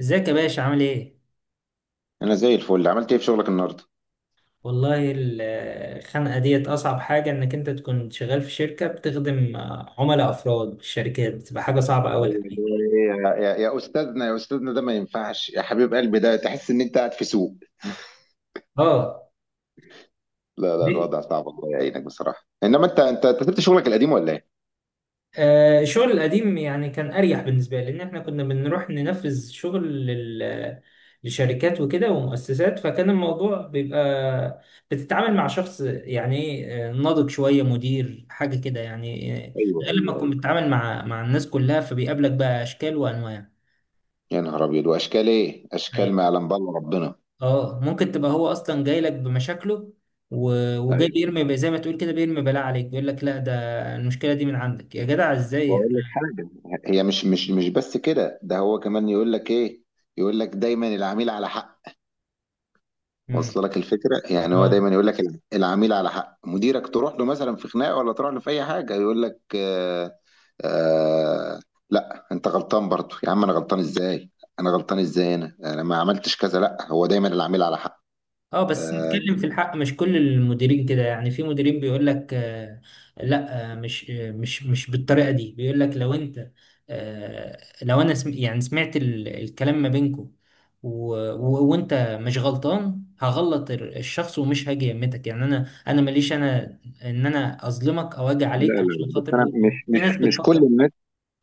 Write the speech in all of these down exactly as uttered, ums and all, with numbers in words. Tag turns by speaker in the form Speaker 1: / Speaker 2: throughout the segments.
Speaker 1: ازيك يا باشا عامل ايه؟
Speaker 2: انا زي الفل. عملت ايه في شغلك النهارده؟
Speaker 1: والله ال- الخنقة ديت أصعب حاجة إنك أنت تكون شغال في شركة بتخدم آه، عملاء أفراد في الشركات بتبقى حاجة صعبة أوي الحقيقة.
Speaker 2: أيوة، يا يا يا استاذنا يا استاذنا، ده ما ينفعش يا حبيب قلبي. ده تحس ان انت قاعد في سوق.
Speaker 1: اه.
Speaker 2: لا لا،
Speaker 1: دي
Speaker 2: الوضع صعب، الله يعينك بصراحه. انما انت انت أنت سبت شغلك القديم ولا ايه؟
Speaker 1: آه الشغل القديم يعني كان أريح بالنسبة لي لأن إحنا كنا بنروح ننفذ شغل لل- لشركات وكده ومؤسسات، فكان الموضوع بيبقى بتتعامل مع شخص يعني ايه، آه، ناضج شوية، مدير حاجة كده يعني، آه،
Speaker 2: ايوه
Speaker 1: غير لما
Speaker 2: ايوه
Speaker 1: تكون
Speaker 2: ايوه.
Speaker 1: بتتعامل مع مع الناس كلها، فبيقابلك بقى أشكال وأنواع.
Speaker 2: يا نهار ابيض، واشكال ايه؟ اشكال ما يعلم بالله ربنا.
Speaker 1: اه، ممكن تبقى هو اصلا جاي لك بمشاكله و- وجاي
Speaker 2: ايوه،
Speaker 1: بيرمي زي ما تقول كده، بيرمي بلاء عليك، بيقول لك لا ده المشكله دي من عندك يا جدع، ازاي
Speaker 2: واقول لك
Speaker 1: احنا.
Speaker 2: حاجه. هي مش مش مش بس كده. ده هو كمان يقول لك ايه؟ يقول لك دايما العميل على حق.
Speaker 1: مم.
Speaker 2: واصله لك الفكره؟ يعني هو
Speaker 1: اه.
Speaker 2: دايما يقول لك الع- العميل على حق. مديرك تروح له مثلا في خناقه ولا تروح له في اي حاجه، يقول لك آه. آه. لا انت غلطان برضو يا عم. انا غلطان ازاي؟ انا غلطان ازاي؟ انا انا ما عملتش كذا. لا، هو دايما العميل على حق.
Speaker 1: اه، بس
Speaker 2: آه.
Speaker 1: نتكلم في الحق، مش كل المديرين كده يعني. في مديرين بيقول لك آه، لا، آه مش، آه مش مش بالطريقه دي. بيقول لك لو انت، آه لو انا سم يعني سمعت ال- الكلام ما بينكم، و- و- وانت مش غلطان، هغلط ال- الشخص ومش هاجي يمتك، يعني انا انا ماليش، انا ان انا اظلمك او اجي
Speaker 2: لا
Speaker 1: عليك
Speaker 2: لا
Speaker 1: عشان
Speaker 2: لا، بس
Speaker 1: خاطر
Speaker 2: انا
Speaker 1: هو.
Speaker 2: مش
Speaker 1: في
Speaker 2: مش
Speaker 1: ناس
Speaker 2: مش كل
Speaker 1: بتفكر.
Speaker 2: الناس.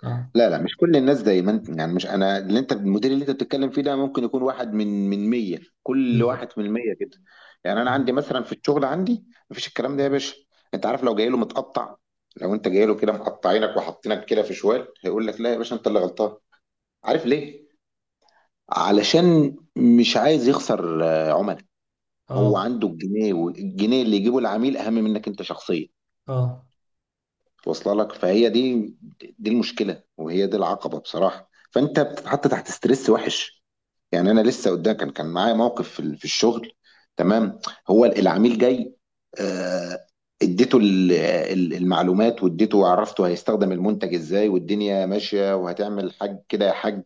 Speaker 1: اه.
Speaker 2: لا لا، مش كل الناس زي ما انت يعني. مش انا اللي، انت المدير اللي انت بتتكلم فيه ده ممكن يكون واحد من من مية. كل
Speaker 1: بالظبط.
Speaker 2: واحد من مية كده. يعني انا عندي مثلا في الشغل عندي مفيش الكلام ده يا باشا. انت عارف لو جاي له متقطع، لو انت جاي له كده مقطعينك وحاطينك كده في شوال، هيقول لك لا يا باشا انت اللي غلطان. عارف ليه؟ علشان مش عايز يخسر آه، عملاء. هو
Speaker 1: اه.
Speaker 2: عنده الجنيه، والجنيه اللي يجيبه العميل اهم منك انت شخصيا.
Speaker 1: اه.
Speaker 2: واصله لك؟ فهي دي، دي المشكله، وهي دي العقبه بصراحه. فانت بتتحط تحت ستريس وحش. يعني انا لسه قدام، كان كان معايا موقف في ال- في الشغل. تمام. هو ال- العميل جاي، آه، اديته ال- ال- المعلومات، واديته وعرفته هيستخدم المنتج ازاي والدنيا ماشيه وهتعمل حاج كده يا حاج.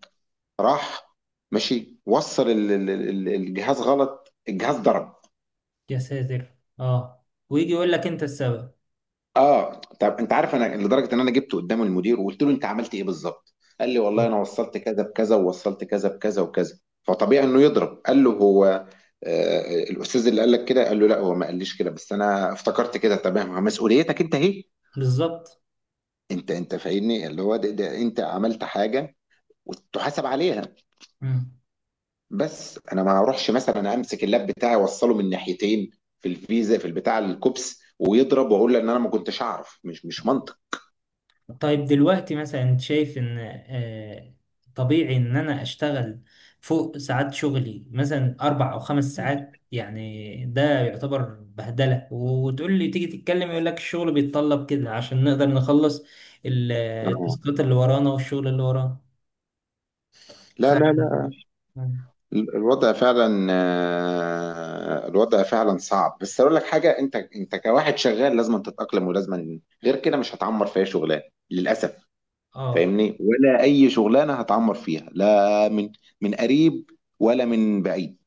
Speaker 2: راح ماشي، وصل ال- ال- ال- الجهاز غلط، الجهاز ضرب.
Speaker 1: يا ساتر، اه، ويجي يقول لك انت السبب.
Speaker 2: اه، طب انت عارف؟ انا لدرجه ان انا جبته قدام المدير وقلت له انت عملت ايه بالظبط. قال لي والله انا وصلت كذا بكذا، ووصلت كذا بكذا وكذا، فطبيعي انه يضرب. قال له هو آه، الاستاذ اللي قال لك كده؟ قال له لا، هو ما قاليش كده، بس انا افتكرت كده. تمام، مسؤوليتك انت اهي.
Speaker 1: بالظبط.
Speaker 2: انت انت فاهمني، اللي هو ده, ده, انت عملت حاجه وتحاسب عليها. بس انا ما اروحش مثلا امسك اللاب بتاعي اوصله من ناحيتين، في الفيزا في البتاع الكوبس ويضرب واقول له ان انا ما كنتش اعرف. مش مش منطق.
Speaker 1: طيب، دلوقتي مثلا انت شايف ان آه، طبيعي ان انا اشتغل فوق ساعات شغلي مثلا اربع او خمس ساعات؟ يعني ده يعتبر بهدلة، وتقول لي تيجي تتكلم يقول لك الشغل بيتطلب كده عشان نقدر نخلص ال-
Speaker 2: آه.
Speaker 1: التاسكات اللي ورانا والشغل اللي ورانا. ف
Speaker 2: لا لا، ال- الوضع فعلا، آه، الوضع فعلا صعب. بس اقول لك حاجه، انت انت كواحد شغال، لازم تتاقلم، ولازم، غير كده مش هتعمر في اي شغلانه للاسف.
Speaker 1: اه.
Speaker 2: فاهمني؟ ولا اي شغلانه هتعمر فيها، لا من من قريب ولا من بعيد.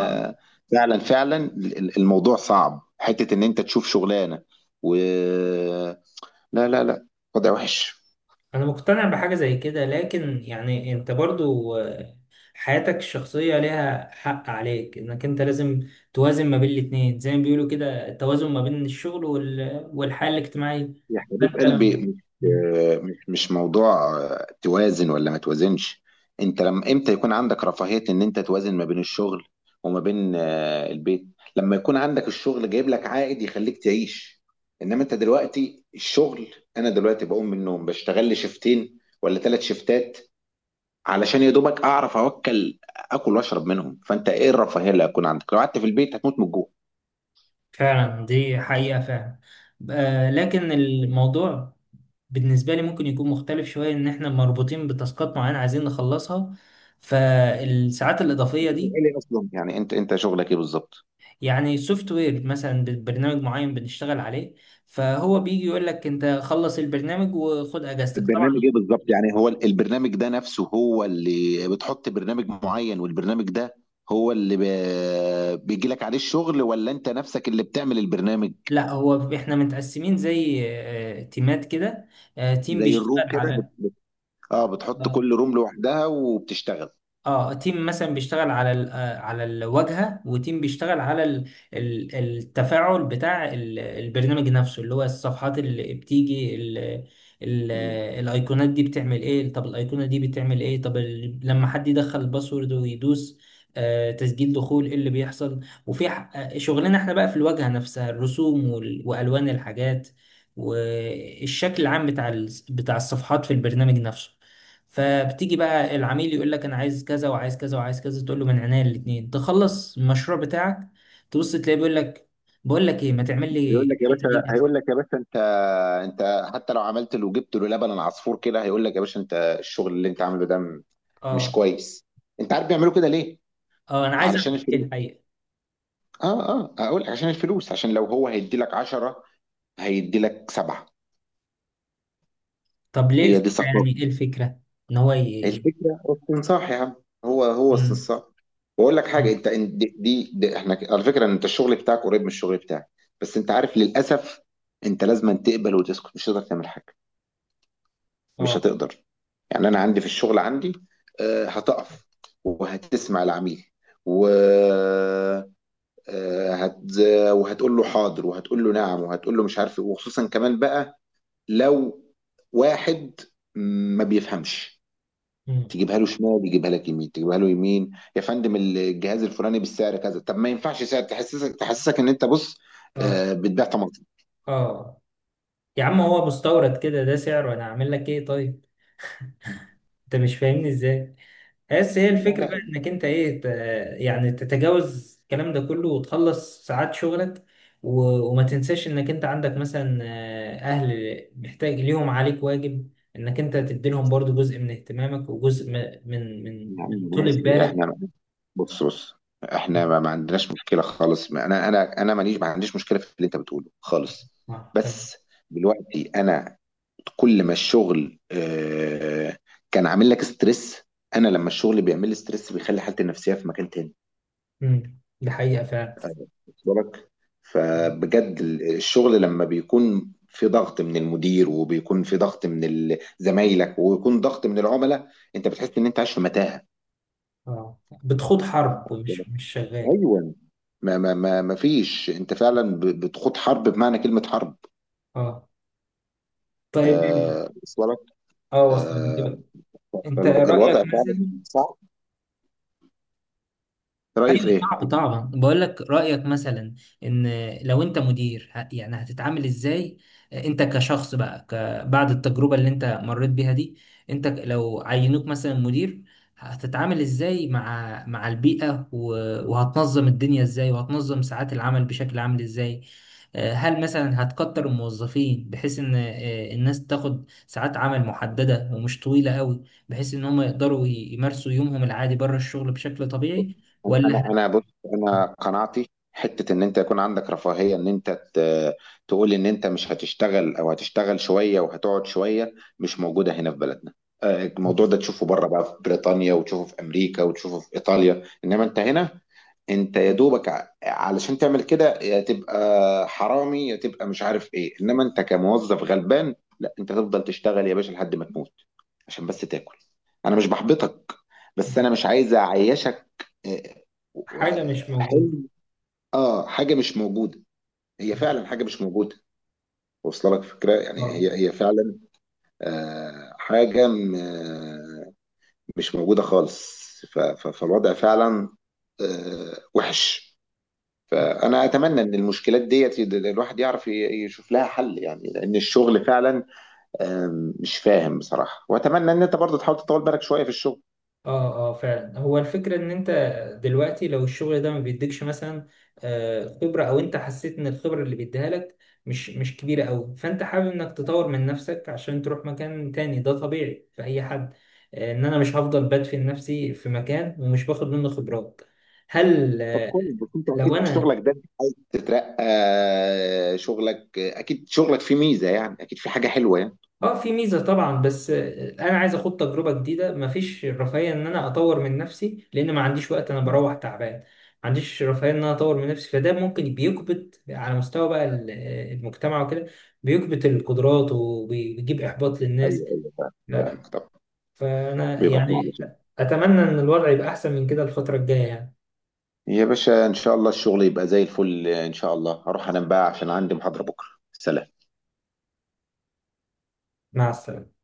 Speaker 1: آه،
Speaker 2: فعلا ال- ال- الموضوع صعب، حته ان انت تشوف شغلانه و... لا لا لا، وضع وحش.
Speaker 1: انا مقتنع بحاجة زي كده، لكن يعني انت برضو حياتك الشخصية ليها حق عليك، انك انت لازم توازن ما بين الاتنين، زي ما بيقولوا كده، التوازن ما بين الشغل وال... والحياة الاجتماعية.
Speaker 2: يا حبيب
Speaker 1: فانت
Speaker 2: قلبي
Speaker 1: لما-
Speaker 2: مش، مش مش موضوع آه، توازن ولا ما توازنش. انت لما امتى يكون عندك رفاهية ان انت توازن ما بين الشغل وما بين آه، البيت؟ لما يكون عندك الشغل جايب لك عائد يخليك تعيش. انما انت دلوقتي الشغل، انا دلوقتي بقوم من النوم، بشتغل لي شيفتين ولا ثلاث شيفتات علشان يا دوبك اعرف اوكل. اكل واشرب منهم. فانت ايه الرفاهية اللي هتكون عندك؟ لو قعدت في البيت هتموت من الجوع.
Speaker 1: فعلا، دي حقيقة فعلا. آه، لكن الموضوع بالنسبة لي ممكن يكون مختلف شوية، إن إحنا مربوطين بتاسكات معينة عايزين نخلصها، فالساعات الإضافية
Speaker 2: انت
Speaker 1: دي.
Speaker 2: شغال ايه اصلا؟ يعني انت انت شغلك ايه بالظبط؟
Speaker 1: يعني سوفت وير، مثلا برنامج معين بنشتغل عليه، فهو بيجي يقول لك أنت خلص البرنامج وخد أجازتك
Speaker 2: البرنامج ايه
Speaker 1: طبعا.
Speaker 2: بالظبط يعني؟ هو البرنامج ده نفسه، هو اللي بتحط برنامج معين، والبرنامج ده هو اللي ب- بيجي لك عليه الشغل، ولا انت نفسك اللي بتعمل البرنامج؟
Speaker 1: لا، هو احنا متقسمين زي آه، تيمات كده. آه، تيم
Speaker 2: زي الروم
Speaker 1: بيشتغل
Speaker 2: كده بت...
Speaker 1: على،
Speaker 2: اه، بتحط كل
Speaker 1: آه،
Speaker 2: روم لوحدها وبتشتغل.
Speaker 1: اه، تيم مثلا بيشتغل على ال- آه، على الواجهه، وتيم بيشتغل على ال- ال- التفاعل بتاع ال- البرنامج نفسه، اللي هو الصفحات اللي بتيجي ال- ال-
Speaker 2: مم.
Speaker 1: الايقونات دي بتعمل ايه. طب الايقونه دي بتعمل ايه. طب ال- لما حد يدخل الباسورد ويدوس آه، تسجيل دخول، ايه اللي بيحصل. وفي ح- آه، شغلنا احنا بقى في الواجهه نفسها، الرسوم وال- والوان الحاجات والشكل العام بتاع ال- بتاع الصفحات في البرنامج نفسه. فبتيجي بقى العميل يقول لك انا عايز كذا وعايز كذا وعايز كذا، تقول له من عينيا الاثنين، تخلص المشروع بتاعك. تبص تلاقيه بيقول لك، بقول لك ايه، ما تعمل لي
Speaker 2: هيقول لك يا
Speaker 1: الحته دي
Speaker 2: باشا،
Speaker 1: كده.
Speaker 2: هيقول لك يا باشا انت، انت حتى لو عملت له جبت له لبن العصفور كده، هيقول لك يا باشا انت الشغل اللي انت عامله ده م- مش
Speaker 1: اه.
Speaker 2: كويس. انت عارف بيعملوا كده ليه؟
Speaker 1: اه، انا عايز
Speaker 2: علشان
Speaker 1: اعمل ايه
Speaker 2: الفلوس.
Speaker 1: الحقيقه.
Speaker 2: اه اه، اقول لك عشان الفلوس، عشان لو هو هيدي لك عشرة، هيدي لك سبعة.
Speaker 1: طب ليه
Speaker 2: هي دي
Speaker 1: الفكره، يعني
Speaker 2: ثقافة.
Speaker 1: ايه الفكره. ان هو ايه.
Speaker 2: الفكرة استنصاح يا عم، هو هو استنصاح. واقول لك حاجة، انت إن- دي, دي, دي احنا ك- على فكرة انت الشغل بتاعك قريب من الشغل بتاعك. بس انت عارف، للأسف انت لازم أن تقبل وتسكت. مش هتقدر تعمل حاجة، مش
Speaker 1: اه.
Speaker 2: هتقدر. يعني انا عندي في الشغل عندي، آه، هتقف وهتسمع العميل و آه، هت... وهتقول له حاضر، وهتقول له نعم، وهتقول له مش عارف إيه. وخصوصا كمان بقى لو واحد ما بيفهمش،
Speaker 1: مم.
Speaker 2: تجيبها له شمال يجيبها لك يمين، تجيبها له يمين. يا فندم الجهاز الفلاني بالسعر كذا؟ طب ما ينفعش سعر، تحسسك تحسسك ان انت، بص،
Speaker 1: اه.
Speaker 2: آه، بتبيع طماطم.
Speaker 1: اه. يا عم هو مستورد كده، ده سعره، انا اعمل لك ايه طيب. انت مش فاهمني ازاي، بس هي
Speaker 2: لا
Speaker 1: الفكرة بقى
Speaker 2: لا
Speaker 1: انك انت ايه، ت- يعني تتجاوز الكلام ده كله وتخلص ساعات شغلك، و... وما تنساش انك انت عندك مثلا، آه، اهل محتاج ليهم، عليك واجب انك انت تديلهم برضو جزء من اهتمامك وجزء م- من من
Speaker 2: يا عم،
Speaker 1: من طول
Speaker 2: ماشي
Speaker 1: بالك.
Speaker 2: احنا. بص بص، احنا ما ما عندناش مشكله خالص. ما انا انا انا ماليش، ما عنديش مشكله في اللي انت بتقوله خالص.
Speaker 1: اه، تمام.
Speaker 2: بس دلوقتي انا كل ما الشغل آه، كان عامل لك ستريس، انا لما الشغل بيعمل لي ستريس بيخلي حالتي النفسيه في مكان تاني.
Speaker 1: مم. دي حقيقة فعلا.
Speaker 2: واخد بالك؟ فبجد ال- الشغل لما بيكون في ضغط من المدير وبيكون في ضغط من ال- زمايلك ويكون ضغط من العملاء، انت بتحس ان انت عايش في متاهه.
Speaker 1: اه، بتخوض حرب، مش مش شغال.
Speaker 2: ايوه، ما ما ما ما فيش، انت فعلا ب- بتخوض حرب بمعنى كلمه حرب.
Speaker 1: اه. طيب.
Speaker 2: آه وصل لك.
Speaker 1: اه، وصل دي
Speaker 2: آه.
Speaker 1: بقى. انت
Speaker 2: فالوضع
Speaker 1: رأيك
Speaker 2: فعلا
Speaker 1: مثلا.
Speaker 2: صعب. رايي
Speaker 1: ايوه
Speaker 2: في ايه؟
Speaker 1: صعب طبعا، بقول لك رايك مثلا، ان لو انت مدير ه- يعني هتتعامل ازاي؟ انت كشخص بقى، ك- بعد التجربه اللي انت مريت بيها دي، انت، ك- لو عينوك مثلا مدير، هتتعامل ازاي مع مع البيئه، و- وهتنظم الدنيا ازاي، وهتنظم ساعات العمل بشكل عامل ازاي؟ آه، هل مثلا هتكتر الموظفين بحيث ان، آه، الناس تاخد ساعات عمل محدده ومش طويله قوي، بحيث ان هم يقدروا ي- يمارسوا يومهم العادي بره الشغل بشكل
Speaker 2: بص،
Speaker 1: طبيعي؟
Speaker 2: انا انا بص. انا قناعتي، حته ان انت يكون عندك رفاهيه ان انت ت- تقول ان انت مش هتشتغل او هتشتغل شويه وهتقعد شويه، مش موجوده هنا في بلدنا. آه، الموضوع ده تشوفه بره بقى في بريطانيا، وتشوفه في امريكا، وتشوفه في ايطاليا، انما انت هنا، انت يا دوبك ع- علشان تعمل كده، يا تبقى حرامي يا تبقى مش عارف ايه. انما انت كموظف غلبان، لا، انت تفضل تشتغل يا باشا لحد ما تموت عشان بس تاكل. انا مش بحبطك، بس انا مش عايز اعيشك. آه، و-
Speaker 1: حاجة مش موجودة.
Speaker 2: حلم. اه، حاجه مش موجوده. هي فعلا حاجه مش موجوده. واصله لك فكره؟ يعني
Speaker 1: اه.
Speaker 2: هي هي فعلا. آه حاجه م- آه، مش موجوده خالص. ف- ف- فالوضع فعلا آه وحش. فانا اتمنى ان المشكلات ديت يد- الواحد يعرف ي- يشوف لها حل، يعني لان الشغل فعلا آم، مش فاهم بصراحه. واتمنى ان انت برضه تحاول تطول بالك شويه في الشغل.
Speaker 1: اه. اه، فعلا، هو الفكرة ان انت دلوقتي لو الشغل ده ما بيديكش مثلا آه، خبرة، او انت حسيت ان الخبرة اللي بيديها لك مش مش كبيرة قوي، فانت حابب انك تطور من نفسك عشان تروح مكان تاني، ده طبيعي في اي حد. آه، ان انا مش هفضل بدفن نفسي في مكان ومش باخد منه خبرات. هل
Speaker 2: طب
Speaker 1: آه،
Speaker 2: كويس، بس انت
Speaker 1: لو
Speaker 2: اكيد في
Speaker 1: انا،
Speaker 2: شغلك ده بتترقى. شغلك اكيد، شغلك فيه ميزه يعني، اكيد في حاجه حلوه يعني.
Speaker 1: اه، في ميزة طبعا، بس انا عايز اخد تجربة جديدة. مفيش رفاهية ان انا اطور من نفسي لان ما عنديش وقت، انا
Speaker 2: مم.
Speaker 1: بروح تعبان، ما عنديش رفاهية ان انا اطور من نفسي، فده ممكن بيكبت على مستوى بقى ال- المجتمع وكده، بيكبت القدرات وبيجيب احباط للناس.
Speaker 2: ايوه ايوه فاهم.
Speaker 1: لا.
Speaker 2: فاهم،
Speaker 1: لا.
Speaker 2: طب،
Speaker 1: فانا
Speaker 2: بيبقى شغل
Speaker 1: يعني
Speaker 2: شغل.
Speaker 1: اتمنى ان الوضع يبقى احسن من كده الفترة الجاية يعني.
Speaker 2: يا باشا ان شاء الله الشغل يبقى زي الفل. ان شاء الله هروح انام بقى عشان عندي محاضره بكره. سلام.
Speaker 1: مع السلامة.